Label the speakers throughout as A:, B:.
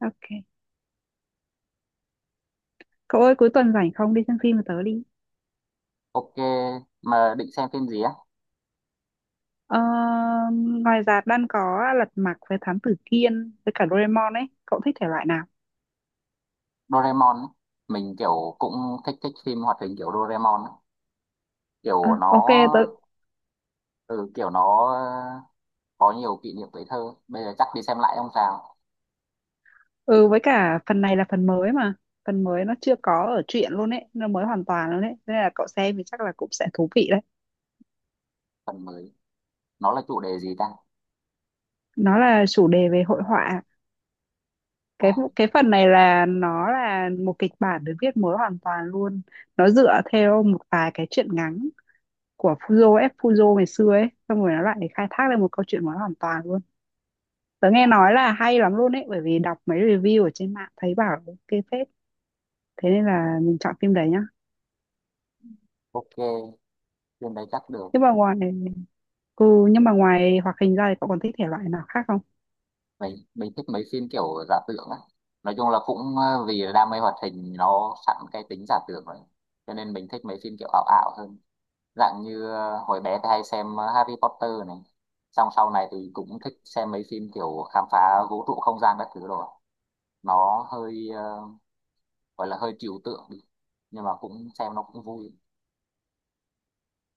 A: Ok. Cậu ơi cuối tuần rảnh không đi xem phim với tớ đi.
B: Ok, mà định xem phim gì á?
A: Ờ, ngoài rạp đang có Lật Mặt với Thám Tử Kiên với cả Doraemon ấy. Cậu thích thể loại nào?
B: Doraemon ấy. Mình kiểu cũng thích thích phim hoạt hình kiểu Doraemon ấy.
A: Ờ,
B: Kiểu nó
A: ok tớ
B: ừ, kiểu nó có nhiều kỷ niệm tuổi thơ. Bây giờ chắc đi xem lại ông sao?
A: ừ với cả phần này là phần mới mà. Phần mới nó chưa có ở truyện luôn ấy, nó mới hoàn toàn luôn ấy. Thế nên là cậu xem thì chắc là cũng sẽ thú vị đấy.
B: Phần mới. Nó là chủ đề gì ta?
A: Nó là chủ đề về hội họa. Cái
B: À,
A: cái phần này là nó là một kịch bản được viết mới hoàn toàn luôn. Nó dựa theo một vài cái truyện ngắn của Fuzo ngày xưa ấy, xong rồi nó lại khai thác lên một câu chuyện của nó hoàn toàn luôn. Tớ nghe nói là hay lắm luôn ấy, bởi vì đọc mấy review ở trên mạng thấy bảo ok phết, thế nên là mình chọn phim đấy nhá.
B: ok, phim đấy chắc được.
A: Nhưng mà ngoài ừ, nhưng mà ngoài hoạt hình ra thì cậu còn thích thể loại nào khác không?
B: Mình thích mấy phim kiểu giả tưởng á. Nói chung là vì đam mê hoạt hình nó sẵn cái tính giả tưởng rồi. Cho nên mình thích mấy phim kiểu ảo ảo hơn. Dạng như hồi bé thì hay xem Harry Potter này, xong sau này thì cũng thích xem mấy phim kiểu khám phá vũ trụ không gian các thứ rồi. Nó hơi gọi là hơi trừu tượng đi, nhưng mà cũng xem nó cũng vui.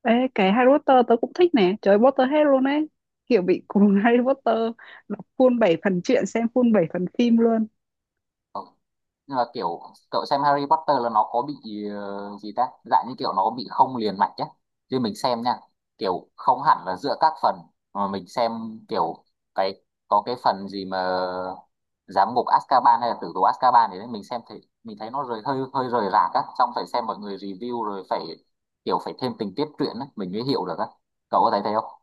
A: Ê, cái Harry Potter tớ cũng thích nè, trời ơi, Potterhead luôn ấy, kiểu bị cuồng Harry Potter, đọc full 7 phần truyện, xem full 7 phần phim luôn.
B: Ờ, nhưng mà kiểu cậu xem Harry Potter là nó có bị gì ta, dạng như kiểu nó bị không liền mạch nhé, chứ mình xem nha, kiểu không hẳn là giữa các phần mà mình xem kiểu cái có cái phần gì mà giám ngục Azkaban hay là tử tù Azkaban thì đấy mình xem thì mình thấy nó rời hơi hơi rời rạc á, xong phải xem mọi người review rồi phải kiểu phải thêm tình tiết truyện á mình mới hiểu được á, cậu có thấy thế không?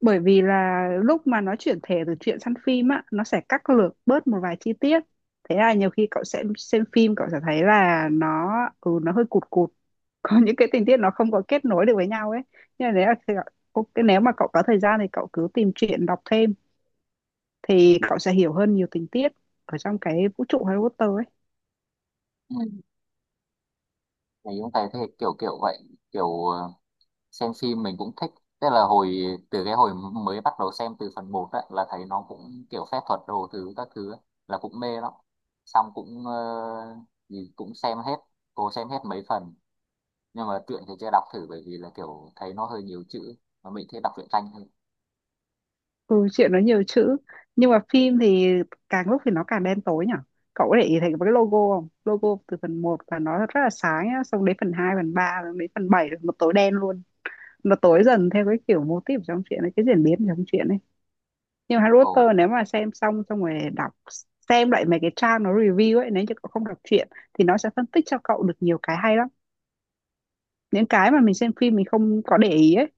A: Bởi vì là lúc mà nó chuyển thể từ truyện sang phim á, nó sẽ cắt lược bớt một vài chi tiết, thế là nhiều khi cậu sẽ xem phim cậu sẽ thấy là nó, ừ, nó hơi cụt cụt, có những cái tình tiết nó không có kết nối được với nhau ấy. Nhưng mà ok, nếu mà cậu có thời gian thì cậu cứ tìm truyện đọc thêm thì cậu sẽ hiểu hơn nhiều tình tiết ở trong cái vũ trụ Harry Potter ấy.
B: Ừ, mình cũng thấy thế, kiểu kiểu vậy, kiểu xem phim mình cũng thích, tức là hồi từ cái hồi mới bắt đầu xem từ phần một là thấy nó cũng kiểu phép thuật đồ thứ các thứ ấy, là cũng mê lắm, xong gì cũng xem hết, cố xem hết mấy phần, nhưng mà truyện thì chưa đọc thử bởi vì là kiểu thấy nó hơi nhiều chữ mà mình thích đọc truyện tranh hơn.
A: Ừ, chuyện nó nhiều chữ, nhưng mà phim thì càng lúc thì nó càng đen tối nhở. Cậu có để ý thấy cái logo không? Logo từ phần một là nó rất là sáng nhá, xong đến phần 2 phần 3 rồi đến phần 7 là nó tối đen luôn, nó tối dần theo cái kiểu mô típ trong chuyện ấy, cái diễn biến trong chuyện ấy. Nhưng mà Harry
B: Ồ.
A: Potter nếu mà xem xong xong rồi đọc, xem lại mấy cái trang nó review ấy, nếu như cậu không đọc truyện thì nó sẽ phân tích cho cậu được nhiều cái hay lắm, những cái mà mình xem phim mình không có để ý ấy.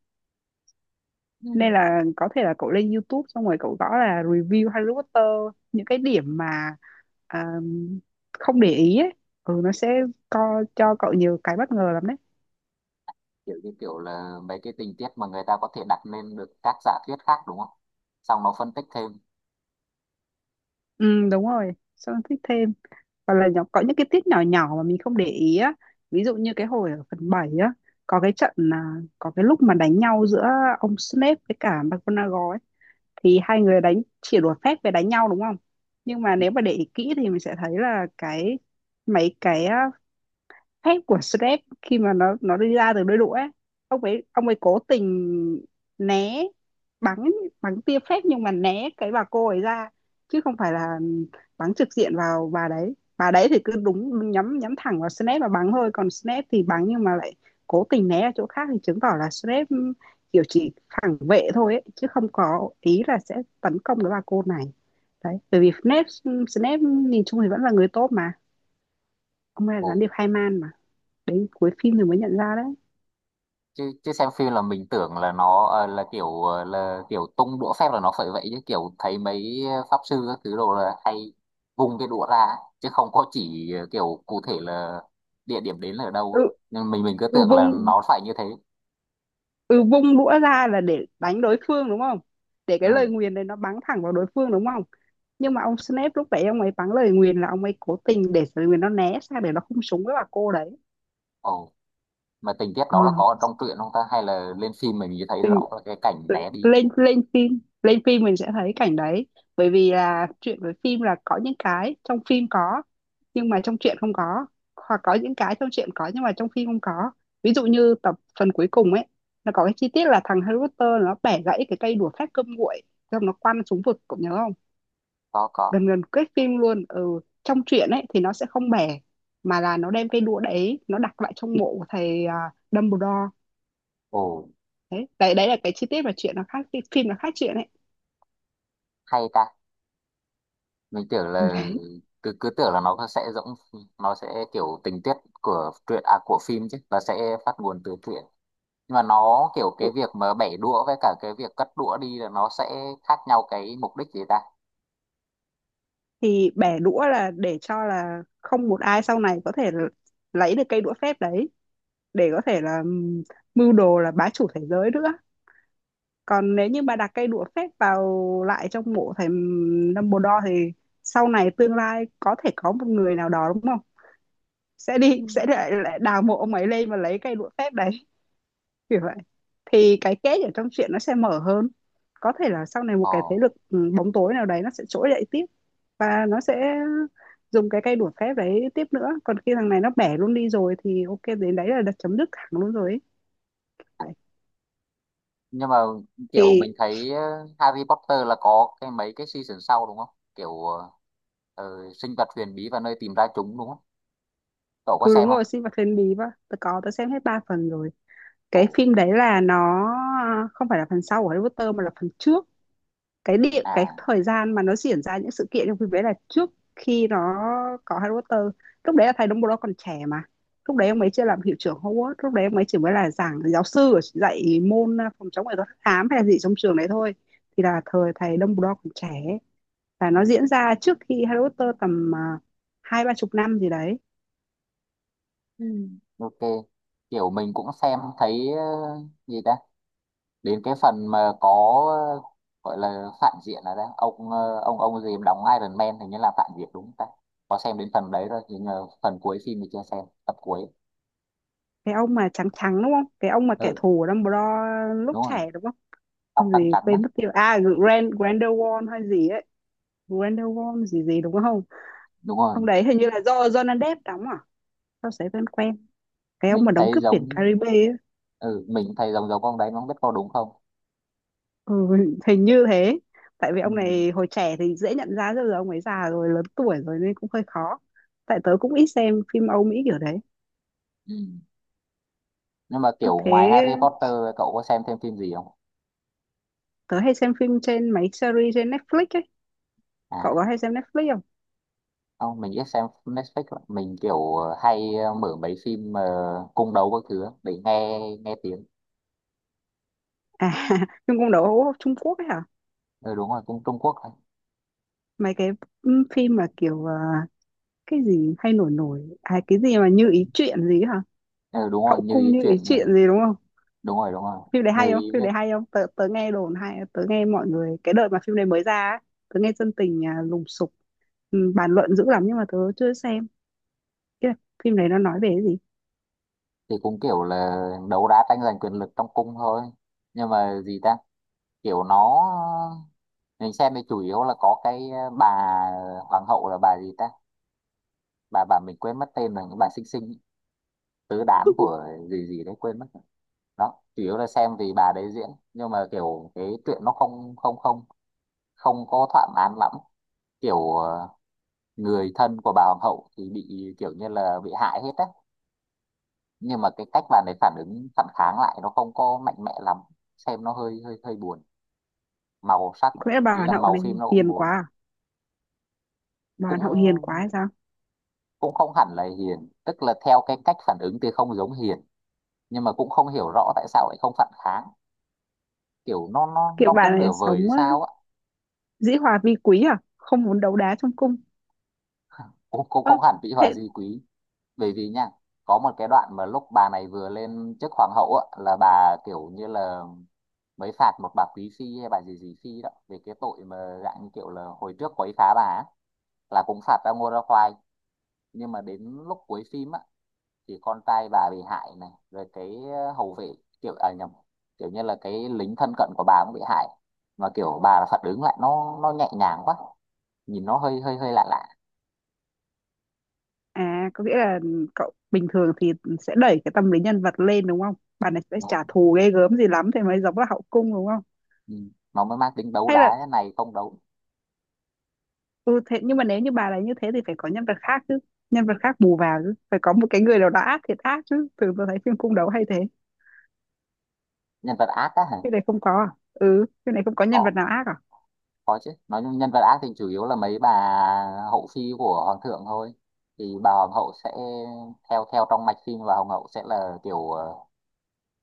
A: Nên
B: Ừ.
A: là có thể là cậu lên YouTube xong rồi cậu gõ là review Harry Potter, những cái điểm mà à, không để ý ấy, ừ, nó sẽ co cho cậu nhiều cái bất ngờ lắm đấy.
B: Kiểu như kiểu là mấy cái tình tiết mà người ta có thể đặt lên được các giả thuyết khác đúng không, xong nó phân tích thêm.
A: Ừ đúng rồi, xong thích thêm, hoặc là nhỏ, có những cái tiết nhỏ nhỏ mà mình không để ý á. Ví dụ như cái hồi ở phần 7 á, có cái trận là có cái lúc mà đánh nhau giữa ông Snape với cả McGonagall ấy, thì hai người đánh chỉ đùa phép về đánh nhau đúng không, nhưng mà nếu mà để ý kỹ thì mình sẽ thấy là cái, mấy cái á, thép của Shrek khi mà nó đi ra từ đôi đũa ấy, ông ấy cố tình né, bắn bắn tia phép nhưng mà né cái bà cô ấy ra, chứ không phải là bắn trực diện vào bà đấy. Bà đấy thì cứ đúng nhắm nhắm thẳng vào Snape và bắn thôi, còn Snape thì bắn nhưng mà lại cố tình né ở chỗ khác, thì chứng tỏ là Snape kiểu chỉ phản vệ thôi ấy, chứ không có ý là sẽ tấn công cái bà cô này đấy. Bởi vì Snape Snape nhìn chung thì vẫn là người tốt mà, ông ấy là
B: Ồ,
A: gián điệp hai man mà, đấy cuối phim thì mới nhận ra đấy.
B: chứ chứ xem phim là mình tưởng là là là kiểu tung đũa phép là nó phải vậy, chứ kiểu thấy mấy pháp sư các thứ đồ là hay vung cái đũa ra ấy, chứ không có chỉ kiểu cụ thể là địa điểm đến là ở đâu
A: Ừ,
B: ấy. Nên mình cứ
A: ừ
B: tưởng là
A: vung
B: nó phải như thế.
A: ừ vung đũa ra là để đánh đối phương đúng không, để cái lời
B: Ừ.
A: nguyền đấy nó bắn thẳng vào đối phương đúng không. Nhưng mà ông Snape lúc đấy ông ấy bắn lời nguyền là ông ấy cố tình để lời nguyền nó né sang để nó không súng với bà cô đấy.
B: Ồ, mà tình tiết
A: Ờ,
B: đó là có ở trong truyện không ta, hay là lên phim mình chỉ thấy
A: mình
B: rõ là cái cảnh né đi?
A: lên lên phim mình sẽ thấy cảnh đấy, bởi vì là chuyện với phim là có những cái trong phim có nhưng mà trong truyện không có, hoặc có những cái trong truyện có nhưng mà trong phim không có. Ví dụ như tập phần cuối cùng ấy, nó có cái chi tiết là thằng Harry Potter nó bẻ gãy cái cây đũa phép cơm nguội xong nó quăng xuống vực, cậu nhớ không?
B: Có có.
A: Gần gần kết phim luôn, ừ, trong truyện ấy thì nó sẽ không bẻ, mà là nó đem cây đũa đấy nó đặt lại trong mộ của thầy Dumbledore.
B: Ồ,
A: Đấy đấy đấy là cái chi tiết mà chuyện nó khác phim, nó khác chuyện ấy.
B: hay ta, mình tưởng
A: Ừ,
B: là
A: đấy,
B: cứ cứ tưởng là nó sẽ giống, nó sẽ kiểu tình tiết của truyện à của phim chứ, là sẽ phát nguồn từ truyện, nhưng mà nó kiểu cái việc mà bẻ đũa với cả cái việc cất đũa đi là nó sẽ khác nhau cái mục đích gì ta?
A: thì bẻ đũa là để cho là không một ai sau này có thể lấy được cây đũa phép đấy để có thể là mưu đồ là bá chủ thế giới nữa. Còn nếu như mà đặt cây đũa phép vào lại trong mộ thầy Dumbledore thì sau này tương lai có thể có một người nào đó đúng không, sẽ đi sẽ lại đào mộ ông ấy lên và lấy cây đũa phép đấy, kiểu vậy. Thì cái kết ở trong truyện nó sẽ mở hơn, có thể là sau này một cái thế
B: Ờ,
A: lực bóng tối nào đấy nó sẽ trỗi dậy tiếp và nó sẽ dùng cái cây đũa phép đấy tiếp nữa, còn khi thằng này nó bẻ luôn đi rồi thì ok, đến đấy là đặt chấm dứt thẳng luôn rồi ấy. Vậy.
B: nhưng mà kiểu
A: Thì
B: mình thấy Harry Potter là có cái mấy cái season sau đúng không, kiểu sinh vật huyền bí và nơi tìm ra chúng đúng không, cậu có
A: ừ
B: xem
A: đúng
B: không?
A: rồi, sinh vật thiên bí và tớ xem hết ba phần rồi.
B: Ồ.
A: Cái phim đấy là nó không phải là phần sau của Harry Potter mà là phần trước. Cái
B: À.
A: thời gian mà nó diễn ra những sự kiện trong phim đấy là trước khi nó có Harry Potter. Lúc đấy là thầy Dumbledore còn trẻ mà, lúc đấy ông ấy chưa làm hiệu trưởng Hogwarts, lúc đấy ông ấy chỉ mới là giáo sư ở- dạy môn phòng chống nghệ thuật hắc ám hay là gì trong trường đấy thôi. Thì là thời thầy Dumbledore còn trẻ và nó diễn ra trước khi Harry Potter tầm hai ba chục năm gì đấy.
B: Ok, kiểu mình cũng xem thấy gì ta, đến cái phần mà có ờ, gọi là phản diện là ra ông ông gì mà đóng Iron Man hình như là phản diện đúng không ta, có xem đến phần đấy rồi nhưng mà phần cuối phim thì chưa xem tập cuối.
A: Cái ông mà trắng trắng đúng không, cái ông mà kẻ
B: Ừ,
A: thù của Dumbledore lúc
B: đúng rồi,
A: trẻ đúng không?
B: tóc
A: Không,
B: trắng
A: gì
B: trắng đó.
A: quên mất tiêu, à Grindelwald hay gì ấy, Grindelwald gì gì đúng không?
B: Đúng
A: Ông
B: rồi,
A: đấy hình như là do Johnny Depp đóng à? Sao sấy vẫn quen. Cái ông mà
B: mình
A: đóng
B: thấy
A: Cướp biển
B: giống,
A: Caribe ấy.
B: ừ mình thấy giống giống ông đấy, nó không biết có đúng không.
A: Ừ, hình như thế. Tại vì
B: Ừ.
A: ông này hồi trẻ thì dễ nhận ra rồi, giờ ông ấy già rồi, lớn tuổi rồi nên cũng hơi khó. Tại tớ cũng ít xem phim Âu Mỹ kiểu đấy.
B: Ừ. Nhưng mà
A: Ơ
B: kiểu
A: thế
B: ngoài Harry Potter cậu có xem thêm phim gì không?
A: tớ hay xem phim trên mấy series trên Netflix ấy. Cậu
B: À,
A: có hay xem Netflix không?
B: không mình ít xem Netflix lắm. Mình kiểu hay mở mấy phim mà cung đấu các thứ á để nghe nghe tiếng.
A: À, nhưng cũng đấu Trung Quốc ấy hả?
B: Ừ đúng rồi cung Trung Quốc.
A: Mấy cái ừ, phim mà kiểu cái gì hay nổi nổi. À cái gì mà như ý chuyện gì ấy hả?
B: Ừ, đúng rồi
A: Hậu
B: như
A: cung
B: ý
A: như ý
B: chuyện
A: chuyện
B: này.
A: gì đúng không?
B: Đúng rồi đúng rồi.
A: Phim đấy
B: Như
A: hay không,
B: ý
A: phim
B: ấy,
A: đấy hay không tớ, tớ nghe đồn hay, tớ nghe mọi người cái đợt mà phim đấy mới ra á, tớ nghe dân tình lùng sục, ừ, bàn luận dữ lắm nhưng mà tớ chưa xem. Cái phim đấy nó nói về cái gì?
B: thì cũng kiểu là đấu đá tranh giành quyền lực trong cung thôi, nhưng mà gì ta, kiểu nó mình xem thì chủ yếu là có cái bà hoàng hậu là bà gì ta, bà mình quên mất tên rồi, bà xinh xinh ấy, tứ đám của gì gì đấy quên mất rồi. Đó chủ yếu là xem vì bà đấy diễn, nhưng mà kiểu cái chuyện nó không không có thỏa mãn lắm, kiểu người thân của bà hoàng hậu thì bị kiểu như là bị hại hết á, nhưng mà cái cách bạn ấy phản ứng phản kháng lại nó không có mạnh mẽ lắm, xem nó hơi hơi hơi buồn màu sắc,
A: Có lẽ bà
B: ý
A: hoàn
B: là
A: hậu
B: màu
A: này
B: phim nó cũng
A: hiền quá
B: buồn.
A: à? Bà hoàn hậu hiền quá
B: cũng
A: hay sao,
B: cũng không hẳn là hiền, tức là theo cái cách phản ứng thì không giống hiền, nhưng mà cũng không hiểu rõ tại sao lại không phản kháng, kiểu nó nó
A: kiểu
B: nó cứ
A: bà
B: nửa
A: này
B: vời hay
A: sống
B: sao á.
A: dĩ hòa vi quý, à không muốn đấu đá trong cung?
B: Cũng cũng
A: Ơ
B: không hẳn Vĩ Hòa
A: thế
B: Di Quý, bởi vì nha có một cái đoạn mà lúc bà này vừa lên chức hoàng hậu á là bà kiểu như là mới phạt một bà Quý Phi hay bà gì gì Phi đó về cái tội mà dạng như kiểu là hồi trước quấy phá bà á, là cũng phạt ra ngô ra khoai, nhưng mà đến lúc cuối phim á thì con trai bà bị hại này, rồi cái hầu vệ, kiểu à nhầm, kiểu như là cái lính thân cận của bà cũng bị hại, mà kiểu bà là phản ứng lại nó nhẹ nhàng quá, nhìn nó hơi hơi hơi lạ lạ.
A: à, có nghĩa là cậu bình thường thì sẽ đẩy cái tâm lý nhân vật lên đúng không, bà này sẽ trả
B: Nó,
A: thù ghê gớm gì lắm thì mới giống là hậu cung đúng không?
B: ừ, nó mới mang tính đấu
A: Hay
B: đá
A: là,
B: thế này không đấu.
A: ừ, thế nhưng mà nếu như bà là như thế thì phải có nhân vật khác chứ, nhân vật khác bù vào chứ, phải có một cái người nào đó ác thiệt ác chứ, thường tôi thấy phim cung đấu hay thế.
B: Nhân vật ác á hả?
A: Cái này không có à? Ừ, cái này không có nhân vật
B: có
A: nào ác à?
B: có chứ, nói chung nhân vật ác thì chủ yếu là mấy bà hậu phi của hoàng thượng thôi, thì bà hoàng hậu sẽ theo theo trong mạch phim và hoàng hậu sẽ là kiểu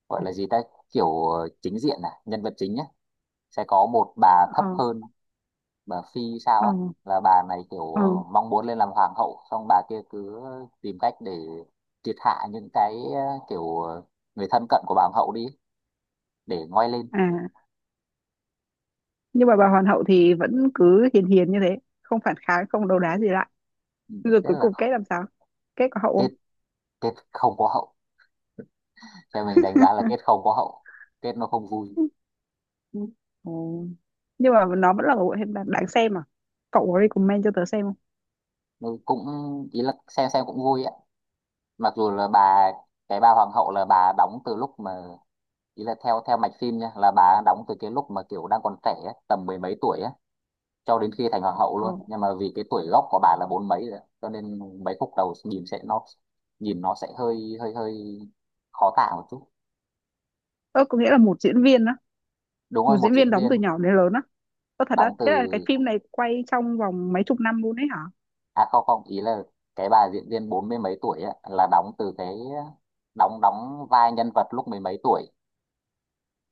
B: gọi là gì ta, kiểu chính diện à nhân vật chính nhé, sẽ có một bà thấp
A: Ờ.
B: hơn, bà phi sao
A: Ờ.
B: á, là bà này kiểu
A: Ờ.
B: mong muốn lên làm hoàng hậu, xong bà kia cứ tìm cách để triệt hạ những cái kiểu người thân cận của bà hoàng hậu đi để ngoi lên.
A: À, nhưng mà bà hoàng hậu thì vẫn cứ hiền hiền như thế, không phản kháng không đấu đá gì lại,
B: Ừ,
A: rồi
B: thế
A: cuối
B: là
A: cùng kết làm sao, kết có hậu không?
B: kết, kết không có hậu, theo mình đánh giá là kết không có hậu, kết nó không vui. Ừ.
A: Ừ. Nhưng mà nó vẫn là một bộ phim đáng đáng xem à? Cậu có recommend cho tớ xem không?
B: Nó cũng ý là xem cũng vui ạ, mặc dù là bà cái bà hoàng hậu là bà đóng từ lúc mà, ý là theo theo mạch phim nha, là bà đóng từ cái lúc mà kiểu đang còn trẻ ấy, tầm mười mấy tuổi ấy, cho đến khi thành hoàng hậu luôn, nhưng mà vì cái tuổi gốc của bà là bốn mấy rồi cho nên mấy khúc đầu nhìn sẽ nó nhìn nó sẽ hơi hơi hơi khó tả một chút.
A: Ờ, ừ, có nghĩa là một diễn viên á,
B: Đúng
A: một
B: rồi một
A: diễn viên
B: diễn
A: đóng từ
B: viên
A: nhỏ đến lớn á? Có thật đó,
B: đóng từ
A: thế là cái phim này quay trong vòng mấy chục năm luôn đấy hả?
B: à không không, ý là cái bà diễn viên bốn mươi mấy tuổi á, là đóng từ cái đóng đóng vai nhân vật lúc mười mấy tuổi,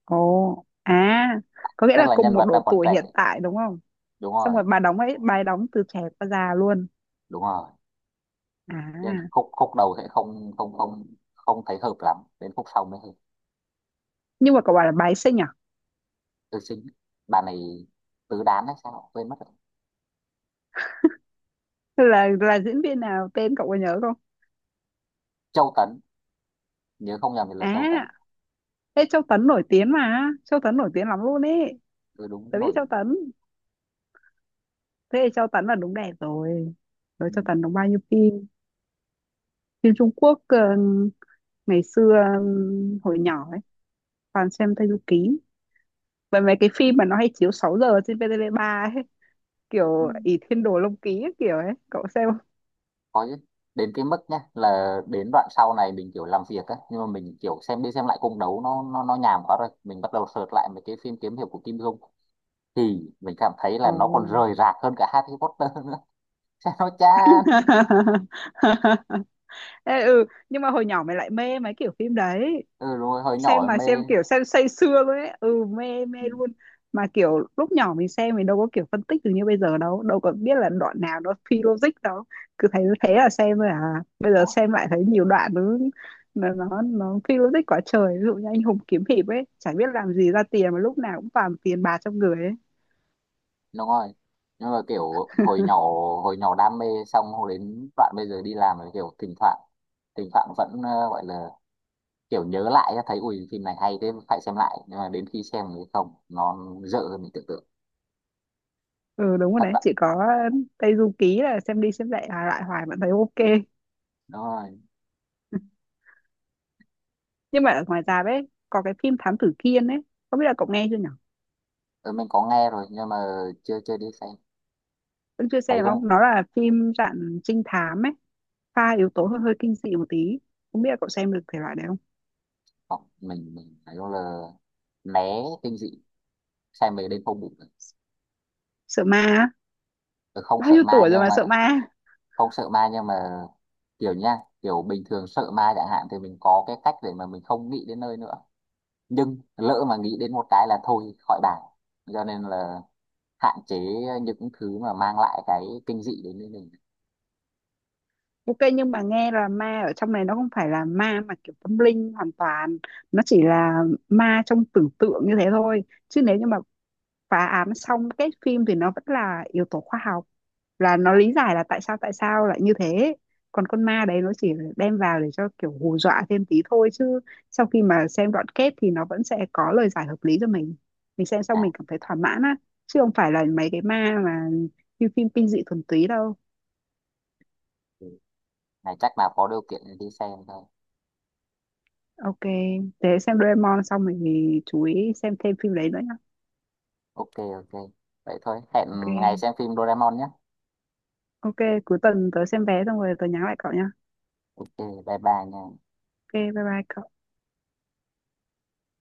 A: Ồ, à, có nghĩa
B: tức
A: là
B: là
A: cùng
B: nhân
A: một
B: vật đang
A: độ
B: còn
A: tuổi hiện
B: trẻ.
A: tại đúng không?
B: Đúng
A: Xong
B: rồi.
A: rồi bà đóng ấy, bà ấy đóng từ trẻ qua già luôn.
B: Đúng rồi.
A: À,
B: Nên khúc khúc đầu sẽ không không thấy hợp lắm, đến khúc sau mới hợp.
A: nhưng mà cậu bảo là bà ấy xinh à?
B: Tư sinh, bà này tứ đán hay sao quên mất rồi.
A: Là diễn viên nào, tên cậu có nhớ không?
B: Châu Tấn, nhớ không nhầm thì là Châu Tấn.
A: À, thế Châu Tấn nổi tiếng mà, Châu Tấn nổi tiếng lắm luôn ấy.
B: Tôi đúng
A: Tớ biết
B: nổi.
A: Châu Tấn, thế thì Châu Tấn là đúng đẹp rồi. Rồi
B: Ừ.
A: Châu Tấn đóng bao nhiêu phim? Phim Trung Quốc ngày xưa hồi nhỏ ấy, toàn xem Tây Du Ký. Và mấy cái phim mà nó hay chiếu 6 giờ trên VTV3 ấy,
B: Ừ.
A: kiểu Ỷ Thiên Đồ Long Ký ấy, kiểu ấy cậu xem không?
B: Có chứ, đến cái mức nhá là đến đoạn sau này mình kiểu làm việc á, nhưng mà mình kiểu xem đi xem lại cung đấu nó nhàm quá rồi, mình bắt đầu search lại mấy cái phim kiếm hiệp của Kim Dung, thì mình cảm thấy là
A: Ồ.
B: nó còn rời rạc hơn cả Harry Potter nữa sao nó chán.
A: Ê, ừ nhưng mà hồi nhỏ mày lại mê mấy kiểu phim đấy,
B: Ừ đúng rồi hồi
A: xem
B: nhỏ
A: mà
B: mê.
A: xem kiểu xem say sưa luôn ấy, ừ mê mê
B: Ừ,
A: luôn. Mà kiểu lúc nhỏ mình xem mình đâu có kiểu phân tích được như bây giờ đâu, đâu có biết là đoạn nào nó phi logic đâu, cứ thấy thế là xem rồi. À bây giờ xem lại thấy nhiều đoạn nó, nó phi logic quá trời, ví dụ như anh hùng kiếm hiệp ấy chả biết làm gì ra tiền mà lúc nào cũng toàn tiền bạc trong người ấy.
B: đúng rồi, nhưng mà kiểu hồi nhỏ, hồi nhỏ đam mê, xong hồi đến đoạn bây giờ đi làm rồi kiểu thỉnh thoảng vẫn gọi là kiểu nhớ lại á, thấy ui phim này hay thế phải xem lại, nhưng mà đến khi xem thì không, nó dở hơn mình tưởng tượng.
A: Ừ đúng rồi,
B: Thật
A: đấy
B: vậy.
A: chỉ có Tây Du Ký là xem đi xem lại lại hoài vẫn thấy ok.
B: Đúng rồi.
A: Nhưng mà ở ngoài ra đấy có cái phim Thám Tử Kiên ấy, không biết là cậu nghe chưa nhỉ?
B: Ừ, mình có nghe rồi nhưng mà chưa chưa đi xem,
A: Vẫn chưa xem
B: thấy cũng.
A: không, nó là phim dạng trinh thám ấy, pha yếu tố hơi hơi kinh dị một tí, không biết là cậu xem được thể loại đấy không?
B: Không, mình nói chung là né kinh dị, xem về đêm không ngủ được.
A: Sợ ma á?
B: Ừ, không
A: Bao
B: sợ
A: nhiêu
B: ma
A: tuổi rồi
B: nhưng
A: mà
B: mà,
A: sợ ma?
B: không sợ ma nhưng mà kiểu nha, kiểu bình thường sợ ma chẳng hạn thì mình có cái cách để mà mình không nghĩ đến nơi nữa, nhưng lỡ mà nghĩ đến một cái là thôi khỏi bàn, cho nên là hạn chế những thứ mà mang lại cái kinh dị đến với mình.
A: Ok, nhưng mà nghe là ma ở trong này nó không phải là ma mà kiểu tâm linh hoàn toàn, nó chỉ là ma trong tưởng tượng như thế thôi. Chứ nếu như mà phá án xong cái phim thì nó vẫn là yếu tố khoa học, là nó lý giải là tại sao lại như thế, còn con ma đấy nó chỉ là đem vào để cho kiểu hù dọa thêm tí thôi, chứ sau khi mà xem đoạn kết thì nó vẫn sẽ có lời giải hợp lý cho mình xem xong
B: À,
A: mình cảm thấy thỏa mãn á, chứ không phải là mấy cái ma mà như phim kinh dị thuần túy đâu.
B: thì này chắc là có điều kiện để đi xem thôi.
A: Ok thế xem Doraemon xong mình thì chú ý xem thêm phim đấy nữa nhá.
B: Ok. Ok, vậy thôi hẹn ngày
A: Ok.
B: xem phim Doraemon nhé.
A: Ok, cuối tuần tớ xem vé xong rồi tớ nhắn lại cậu nhá.
B: Ok, bye bye nha.
A: Ok, bye bye cậu.